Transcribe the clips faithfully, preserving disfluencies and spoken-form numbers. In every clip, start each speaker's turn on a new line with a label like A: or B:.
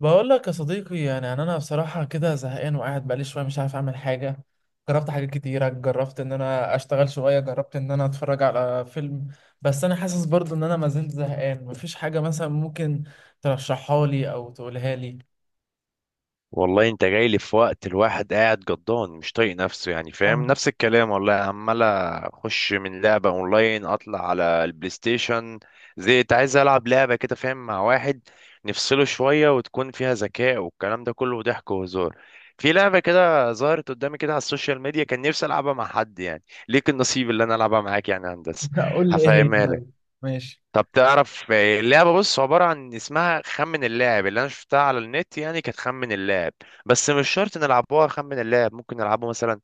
A: بقول لك يا صديقي يعني يعني انا بصراحه كده زهقان، وقاعد بقالي شويه مش عارف اعمل حاجه. جربت حاجات كتيره، جربت ان انا اشتغل شويه، جربت ان انا اتفرج على فيلم، بس انا حاسس برضو ان انا ما زلت زهقان. مفيش حاجه مثلا ممكن ترشحها لي او تقولها لي؟
B: والله انت جاي لي في وقت الواحد قاعد جضان مش طايق نفسه، يعني فاهم
A: فاهم.
B: نفس الكلام. والله عمال اخش من لعبة اونلاين اطلع على البلاي ستيشن. زهقت، عايز العب لعبة كده فاهم، مع واحد نفصله شوية وتكون فيها ذكاء والكلام ده كله ضحك وهزار. في لعبة كده ظهرت قدامي كده على السوشيال ميديا كان نفسي العبها مع حد يعني. ليك النصيب اللي انا العبها معاك يعني يا هندسة.
A: قول لي ايه هي
B: هفهمها
A: طيب.
B: لك.
A: ماشي.
B: طب تعرف، آه، اللعبة بص عبارة عن اسمها خمن اللاعب. اللي انا شفتها على النت يعني كانت خمن اللاعب، بس مش شرط نلعبوها خمن اللاعب، ممكن نلعبه مثلا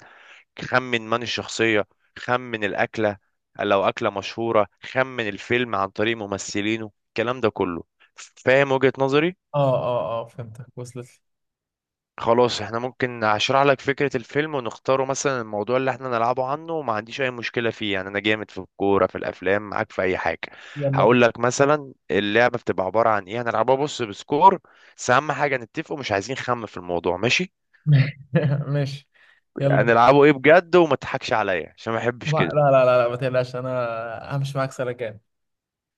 B: خمن من الشخصية، خمن الأكلة لو أكلة مشهورة، خمن الفيلم عن طريق ممثلينه، الكلام ده كله. فاهم وجهة نظري؟
A: اه، اه، اه، فهمتك وصلت
B: خلاص، احنا ممكن اشرح لك فكرة الفيلم ونختاره مثلا، الموضوع اللي احنا نلعبه عنه، وما عنديش اي مشكلة فيه، يعني انا جامد في الكورة في الافلام معاك في اي حاجة.
A: لي. يلا
B: هقول لك مثلا اللعبة بتبقى عبارة عن ايه، هنلعبها بص بسكور، بس اهم حاجة نتفقوا مش عايزين خم في الموضوع ماشي.
A: بينا. لي. ماشي. يلا بينا.
B: هنلعبه ايه بجد، وما تضحكش عليا عشان ما
A: لا،
B: احبش
A: لا،
B: كده.
A: لا، لا، لا، ما تقلقش انا همشي معاك سلكان.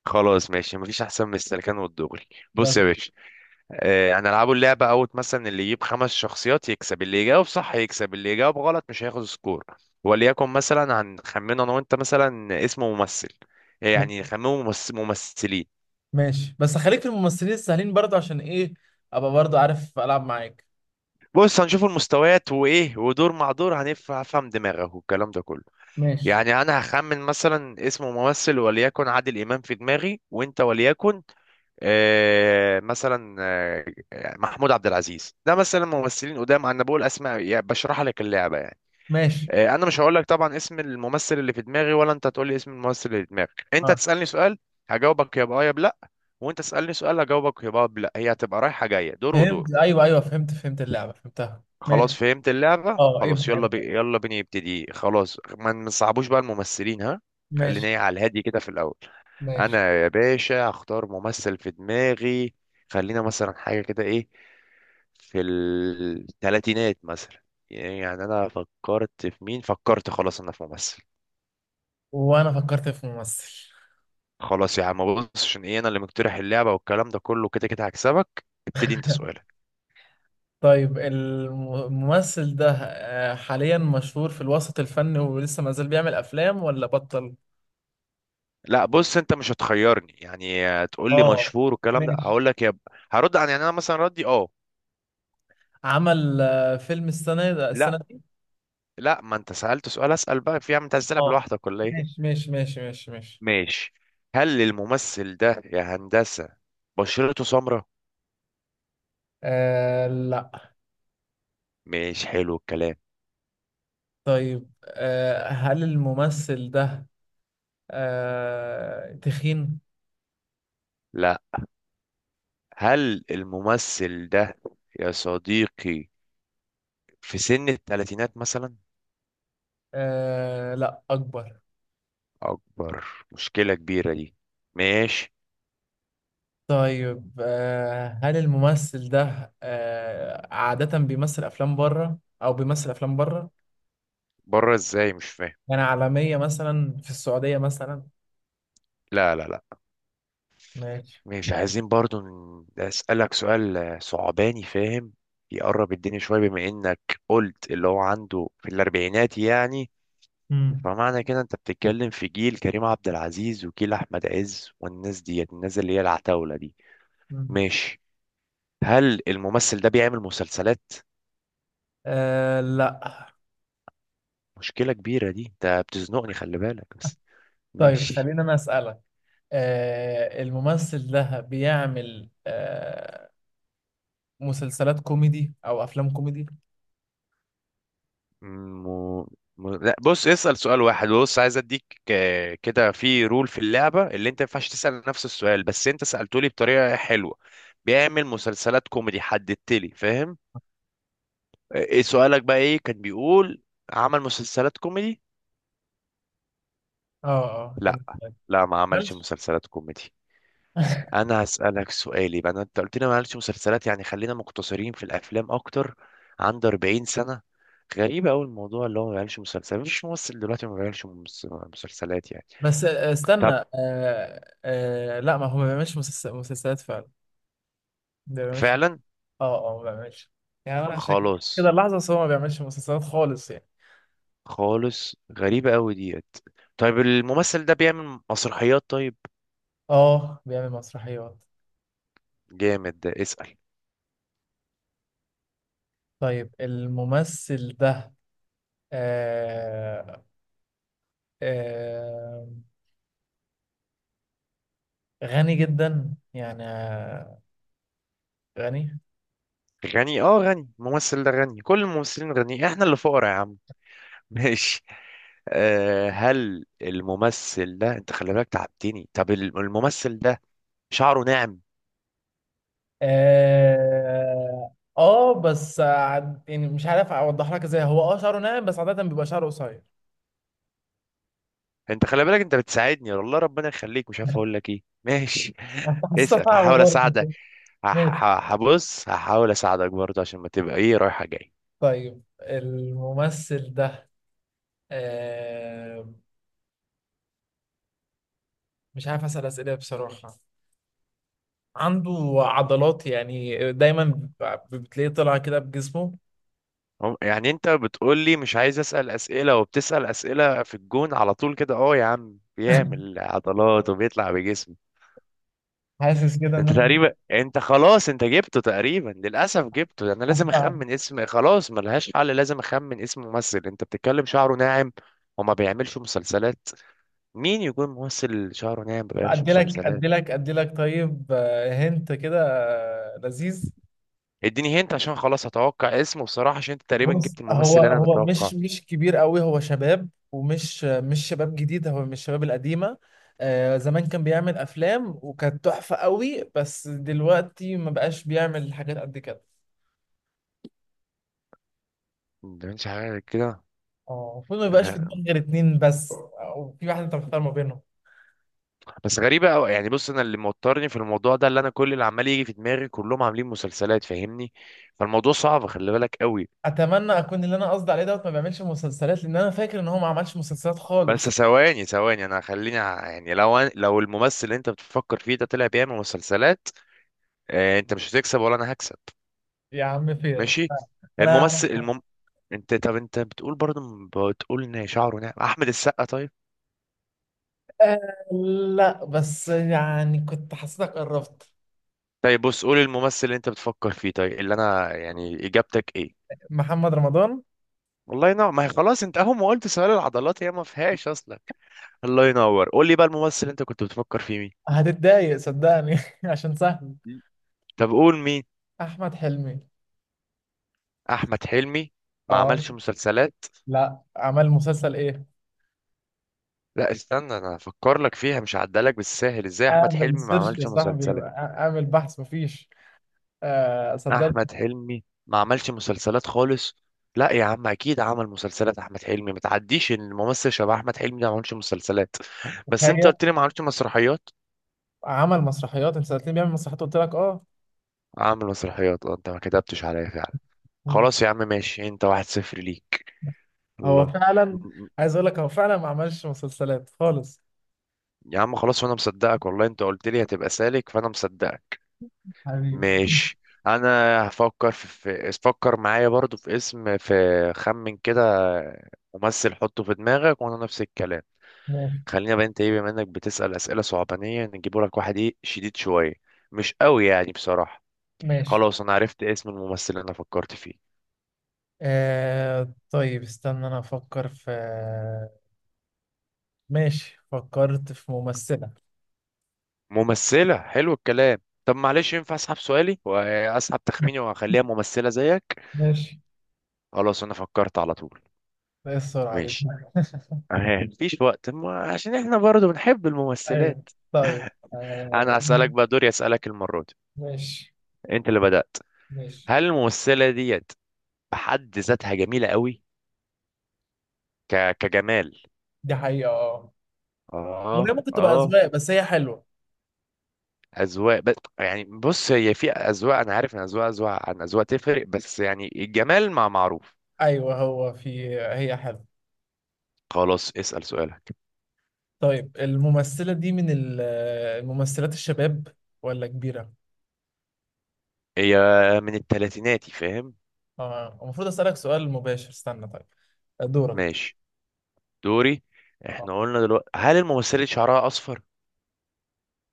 B: خلاص ماشي، مفيش احسن من السلكان والدغري. بص
A: بس.
B: يا باشا، آه، هنلعبوا اللعبة أوت مثلا، اللي يجيب خمس شخصيات يكسب، اللي يجاوب صح يكسب، اللي يجاوب غلط مش هياخد سكور. وليكن مثلا هنخمن أنا وأنت مثلا اسم ممثل. آه، يعني نخمنه ممس- ممثلين.
A: ماشي، بس خليك في الممثلين السهلين برضو، عشان ايه ابقى برضو عارف العب معاك.
B: بص هنشوف المستويات وإيه ودور مع دور، هنف- هفهم دماغك والكلام ده كله.
A: ماشي.
B: يعني أنا هخمن مثلا اسم ممثل وليكن عادل إمام في دماغي، وأنت وليكن آه مثلا آه محمود عبد العزيز، ده مثلا ممثلين قدام. أنا بقول أسماء يعني بشرح لك اللعبة يعني.
A: ماشي.
B: آه، انا مش هقول لك طبعا اسم الممثل اللي في دماغي، ولا انت تقول لي اسم الممثل اللي في دماغك. انت
A: اه
B: تسالني سؤال هجاوبك يا باه يا بلا، وانت تسالني سؤال هجاوبك يا باه يا بلا. هي هتبقى رايحه جايه دور ودور.
A: فهمت، ايوه، ايوه، فهمت فهمت اللعبه، فهمتها.
B: خلاص
A: ماشي.
B: فهمت اللعبه،
A: اه
B: خلاص
A: ابدا
B: يلا
A: ابدا.
B: بي... يلا بينا يبتدي. خلاص ما ما نصعبوش بقى الممثلين ها. خلينا
A: ماشي.
B: ايه على الهادي كده في الاول.
A: ماشي.
B: انا يا باشا هختار ممثل في دماغي. خلينا مثلا حاجه كده ايه، في الثلاثينات مثلا. يعني انا فكرت في مين، فكرت خلاص انا في ممثل.
A: وانا فكرت في ممثل.
B: خلاص يا عم، بص عشان ايه انا اللي مقترح اللعبه والكلام ده كله، كده كده هكسبك، ابتدي انت سؤالك.
A: طيب الم- الممثل ده آه، حاليا مشهور في الوسط الفني، ولسه ما زال بيعمل افلام ولا بطل؟
B: لا بص انت مش هتخيرني، يعني آه، تقول لي
A: اه.
B: مشهور والكلام ده
A: ماشي.
B: هقول لك يا ب... هرد عن يعني انا مثلا ردي اه.
A: عمل آه، فيلم السنه ده
B: لا
A: السنه دي؟
B: لا ما انت سالت سؤال، اسال بقى في يا عم، انت عايز تلعب
A: اه.
B: لوحدك ولا ايه؟
A: ماشي، ماشي، ماشي، ماشي، ماشي.
B: ماشي. هل الممثل ده يا هندسه بشرته سمراء؟
A: آه، لا.
B: مش حلو الكلام.
A: طيب آه، هل الممثل ده آه، تخين؟
B: لا. هل الممثل ده يا صديقي في سن الثلاثينات مثلا؟
A: آه، لا، أكبر.
B: اكبر؟ مشكلة كبيرة دي. ماشي.
A: طيب آه، هل الممثل ده آه، عادة بيمثل أفلام بره أو بيمثل أفلام بره؟
B: بره ازاي مش فاهم.
A: يعني عالمية، مثلا في السعودية مثلا.
B: لا لا لا.
A: ماشي.
B: مش عايزين برضو ن- اسألك سؤال آه، صعباني فاهم. يقرب الدنيا شوية، بما انك قلت اللي هو عنده في الاربعينات يعني،
A: مم.
B: فمعنى كده انت بتتكلم في جيل كريم عبد العزيز وجيل احمد عز والناس ديت، الناس اللي هي العتاولة دي.
A: مم.
B: ماشي. هل الممثل ده بيعمل مسلسلات؟
A: آه، لا.
B: مشكلة كبيرة دي، انت بتزنقني خلي بالك بس.
A: طيب
B: ماشي.
A: خلينا أنا أسألك. آه، الممثل ده بيعمل آه، مسلسلات كوميدي أو أفلام كوميدي؟
B: م... م... لا بص اسأل سؤال واحد، بص عايز اديك آه، كده في رول في اللعبة، اللي انت ما ينفعش تسأل نفس السؤال، بس انت سألته لي بطريقة حلوة. بيعمل مسلسلات كوميدي، حددت لي فاهم. آه، ايه سؤالك بقى، ايه كان بيقول؟ عمل مسلسلات كوميدي؟
A: اه، اه، كان.
B: لا لا، ما عملش
A: مالش.
B: مسلسلات كوميدي. انا هسألك سؤالي بقى، انت قلت لي ما عملش مسلسلات، يعني خلينا مقتصرين في الافلام اكتر. عنده أربعين سنة. غريبة أوي الموضوع، اللي هو ما بيعملش مسلسلات، مفيش ممثل دلوقتي ما بيعملش مس- مسلسلات يعني.
A: بس آه، استنى،
B: طب
A: آه آه لا، ما هو ما بيعملش مسلس- مسلسلات فعلا. ما بيعملش.
B: فعلا.
A: اه، اه، ما بيعملش. يعني انا عشان كده
B: خلاص.
A: اللحظة. بس هو ما بيعملش مسلسلات خالص يعني.
B: خالص، غريبة قوي ديت. طيب الممثل ده بيعمل مسرحيات؟ طيب
A: اه، بيعمل مسرحيات.
B: جامد ده، اسأل.
A: طيب الممثل ده آه آه غني جدا يعني، آه، غني؟
B: غني اه، غني الممثل ده غني، كل الممثلين غني، احنا اللي فقراء يا عم. ماشي. أه هل الممثل ده، انت خلي بالك تعبتني، طب الم- الممثل ده شعره ناعم؟
A: اه، آه، بس عاد- يعني مش عارف اوضح لك ازاي، هو اه شعره ناعم بس عادة بيبقى شعره قصير.
B: انت خلي بالك انت بتساعدني والله، ربنا يخليك مش عارف اقول لك ايه. ماشي
A: حسيتها
B: اسأل
A: صعبة
B: هحاول
A: برضه.
B: اساعدك.
A: ماشي.
B: هح- هح- هبص هحاول اساعدك برضه، عشان ما تبقى ايه رايحة جاي.
A: طيب الممثل ده آه مش عارف أسأل أسئلة بصراحة. عنده عضلات، يعني دايما ب- بتلاقيه طلع كده بجسمه.
B: هم- يعني انت بتقول لي مش عايز اسال اسئله، وبتسال اسئله في الجون على طول كده. اه يا عم بيعمل عضلات وبيطلع بجسمه.
A: حاسس كده ان
B: انت
A: انا
B: تقريبا، انت خلاص انت جبته تقريبا، للاسف جبته. انا لازم
A: أصلاً-
B: اخمن اسم، خلاص ملهاش حل لازم اخمن اسم ممثل، انت بتتكلم شعره ناعم وما بيعملش مسلسلات. مين يكون ممثل شعره ناعم ما بيعملش
A: ادي لك
B: مسلسلات؟
A: ادي لك ادي لك. طيب آه، هنت كده، آه، لذيذ.
B: اديني هنت عشان خلاص اتوقع اسمه بصراحه، عشان انت تقريبا
A: بص،
B: جبت
A: هو
B: الممثل اللي انا
A: هو مش
B: بتوقعه.
A: مش كبير قوي، هو شباب، ومش مش شباب جديد، هو من الشباب القديمه. آه، زمان كان بيعمل افلام وكانت تحفه قوي، بس دلوقتي ما بقاش بيعمل حاجات قد كده.
B: ما بيعملش حاجه كده.
A: اه، المفروض ما يبقاش في دماغ غير اتنين بس، او في واحد انت مختار ما بينهم.
B: بس غريبة أوي يعني، بص أنا اللي موترني في الموضوع ده، اللي أنا كل اللي عمال يجي في دماغي كلهم عاملين مسلسلات فاهمني، فالموضوع صعب خلي بالك أوي.
A: اتمنى اكون اللي انا قصدي عليه دوت ما بيعملش مسلسلات، لان انا فاكر ان هو ما عملش مسلسلات
B: بس
A: خالص.
B: ثواني ثواني، أنا خليني ع- يعني لو أنا، لو الممثل اللي أنت بتفكر فيه ده طلع بيعمل مسلسلات، آه أنت مش هتكسب ولا أنا هكسب.
A: يا عم فين.
B: ماشي.
A: انا
B: الممثل
A: أنا-
B: المم... أنت، طب أنت بتقول برضه، بتقول إن شعره ناعم. أحمد السقا طيب؟
A: آه، لا، بس يعني كنت حسيتك قربت.
B: طيب بص قول الممثل اللي أنت بتفكر فيه، طيب اللي أنا يعني، إجابتك إيه؟
A: محمد رمضان.
B: والله نعم، ما هي خلاص، أنت أهو ما قلت سؤال العضلات، هي ما فيهاش أصلا. الله ينور، قول لي بقى الممثل اللي انت كنت بتفكر فيه مين؟
A: هتتضايق صدقني، عشان سهل.
B: طب قول مين.
A: احمد حلمي.
B: احمد حلمي؟ ما
A: اه.
B: عملش مسلسلات؟
A: لا، عمل مسلسل ايه؟
B: لا استنى، انا هفكر لك فيها، مش هعدلك بالساهل، ازاي احمد
A: اعمل
B: حلمي ما
A: سيرش يا
B: عملش
A: صاحبي،
B: مسلسلات؟
A: اعمل بحث، مفيش. آه، صدقني.
B: احمد حلمي ما عملش مسلسلات خالص؟ لا يا عم اكيد عمل مسلسلات احمد حلمي، ما تعديش ان الممثل شبه احمد حلمي ده ما عملش مسلسلات. بس انت
A: تخيل.
B: قلت لي ما عملش مسرحيات.
A: عمل مسرحيات، انت سألتني بيعمل مسرحيات قلت لك اه.
B: عامل مسرحيات، اه انت ما كتبتش عليا فعلا.
A: مم.
B: خلاص يا عم ماشي، انت واحد صفر ليك.
A: هو
B: الله.
A: فعلا، عايز اقول لك هو فعلا ما عملش مسلسلات خالص.
B: يا عم خلاص وانا مصدقك والله، انت قلت لي هتبقى سالك فانا مصدقك.
A: حبيبي.
B: ماشي. انا هفكر في, في فكر معايا برضو في اسم في، خمن كده ممثل حطه في دماغك وانا نفس الكلام.
A: ماشي.
B: خلينا بقى انت ايه، بما انك بتسأل اسئلة صعبانية نجيبه لك واحد ايه شديد شوية، مش قوي يعني بصراحة.
A: ماشي.
B: خلاص انا عرفت اسم الممثل اللي انا فكرت فيه.
A: آه طيب، استنى انا افكر في. ماشي، فكرت في ممثلة.
B: ممثلة؟ حلو الكلام. طب معلش ينفع اسحب سؤالي واسحب تخميني واخليها ممثلة زيك؟
A: ماشي.
B: خلاص انا فكرت على طول.
A: ايه السرعة دي؟
B: ماشي. اه مفيش وقت ما، عشان احنا برضو بنحب
A: ايوه.
B: الممثلات.
A: طيب آه،
B: انا هسألك بقى، دوري اسألك المرة دي،
A: ماشي.
B: انت اللي بدأت.
A: ماشي.
B: هل الممثلة ديت بحد ذاتها جميلة قوي؟ ك... كجمال.
A: دي حقيقة اه. أو هي
B: اه
A: ممكن تبقى
B: اه،
A: أذواق، بس هي حلوة.
B: اذواق بس يعني، بص هي في اذواق، انا عارف ان اذواق اذواق عن اذواق تفرق، بس يعني الجمال مع معروف.
A: أيوه، هو في، هي حلوة.
B: خلاص اسأل سؤالك.
A: طيب الممثلة دي من ال- الممثلات الشباب ولا كبيرة؟
B: هي من التلاتيناتي فاهم.
A: اه المفروض أسألك سؤال مباشر، استنى. طيب. دورك.
B: ماشي. دوري،
A: آه.
B: احنا قلنا دلوقتي، هل الممثلة دي شعرها اصفر؟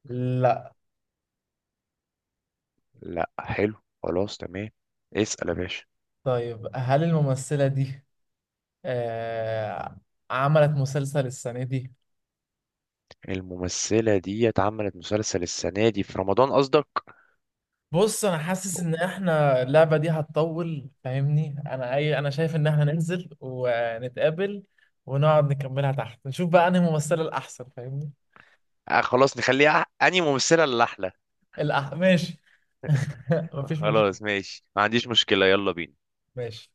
A: لا.
B: لا حلو، خلاص تمام، اسأل يا باشا.
A: طيب هل الممثلة دي آه عملت مسلسل السنة دي؟
B: الممثلة دي اتعملت مسلسل السنة دي في رمضان قصدك؟
A: بص انا حاسس ان احنا اللعبه دي هتطول فاهمني. انا اي انا شايف ان احنا ننزل ونتقابل ونقعد نكملها تحت، نشوف بقى انهي ممثله الاحسن فاهمني.
B: آه خلاص نخليها أنهي ممثلة اللي أحلى.
A: الأح... ماشي. مفيش مشكله.
B: خلاص ماشي، ما عنديش مشكلة، يلا بينا.
A: ماشي.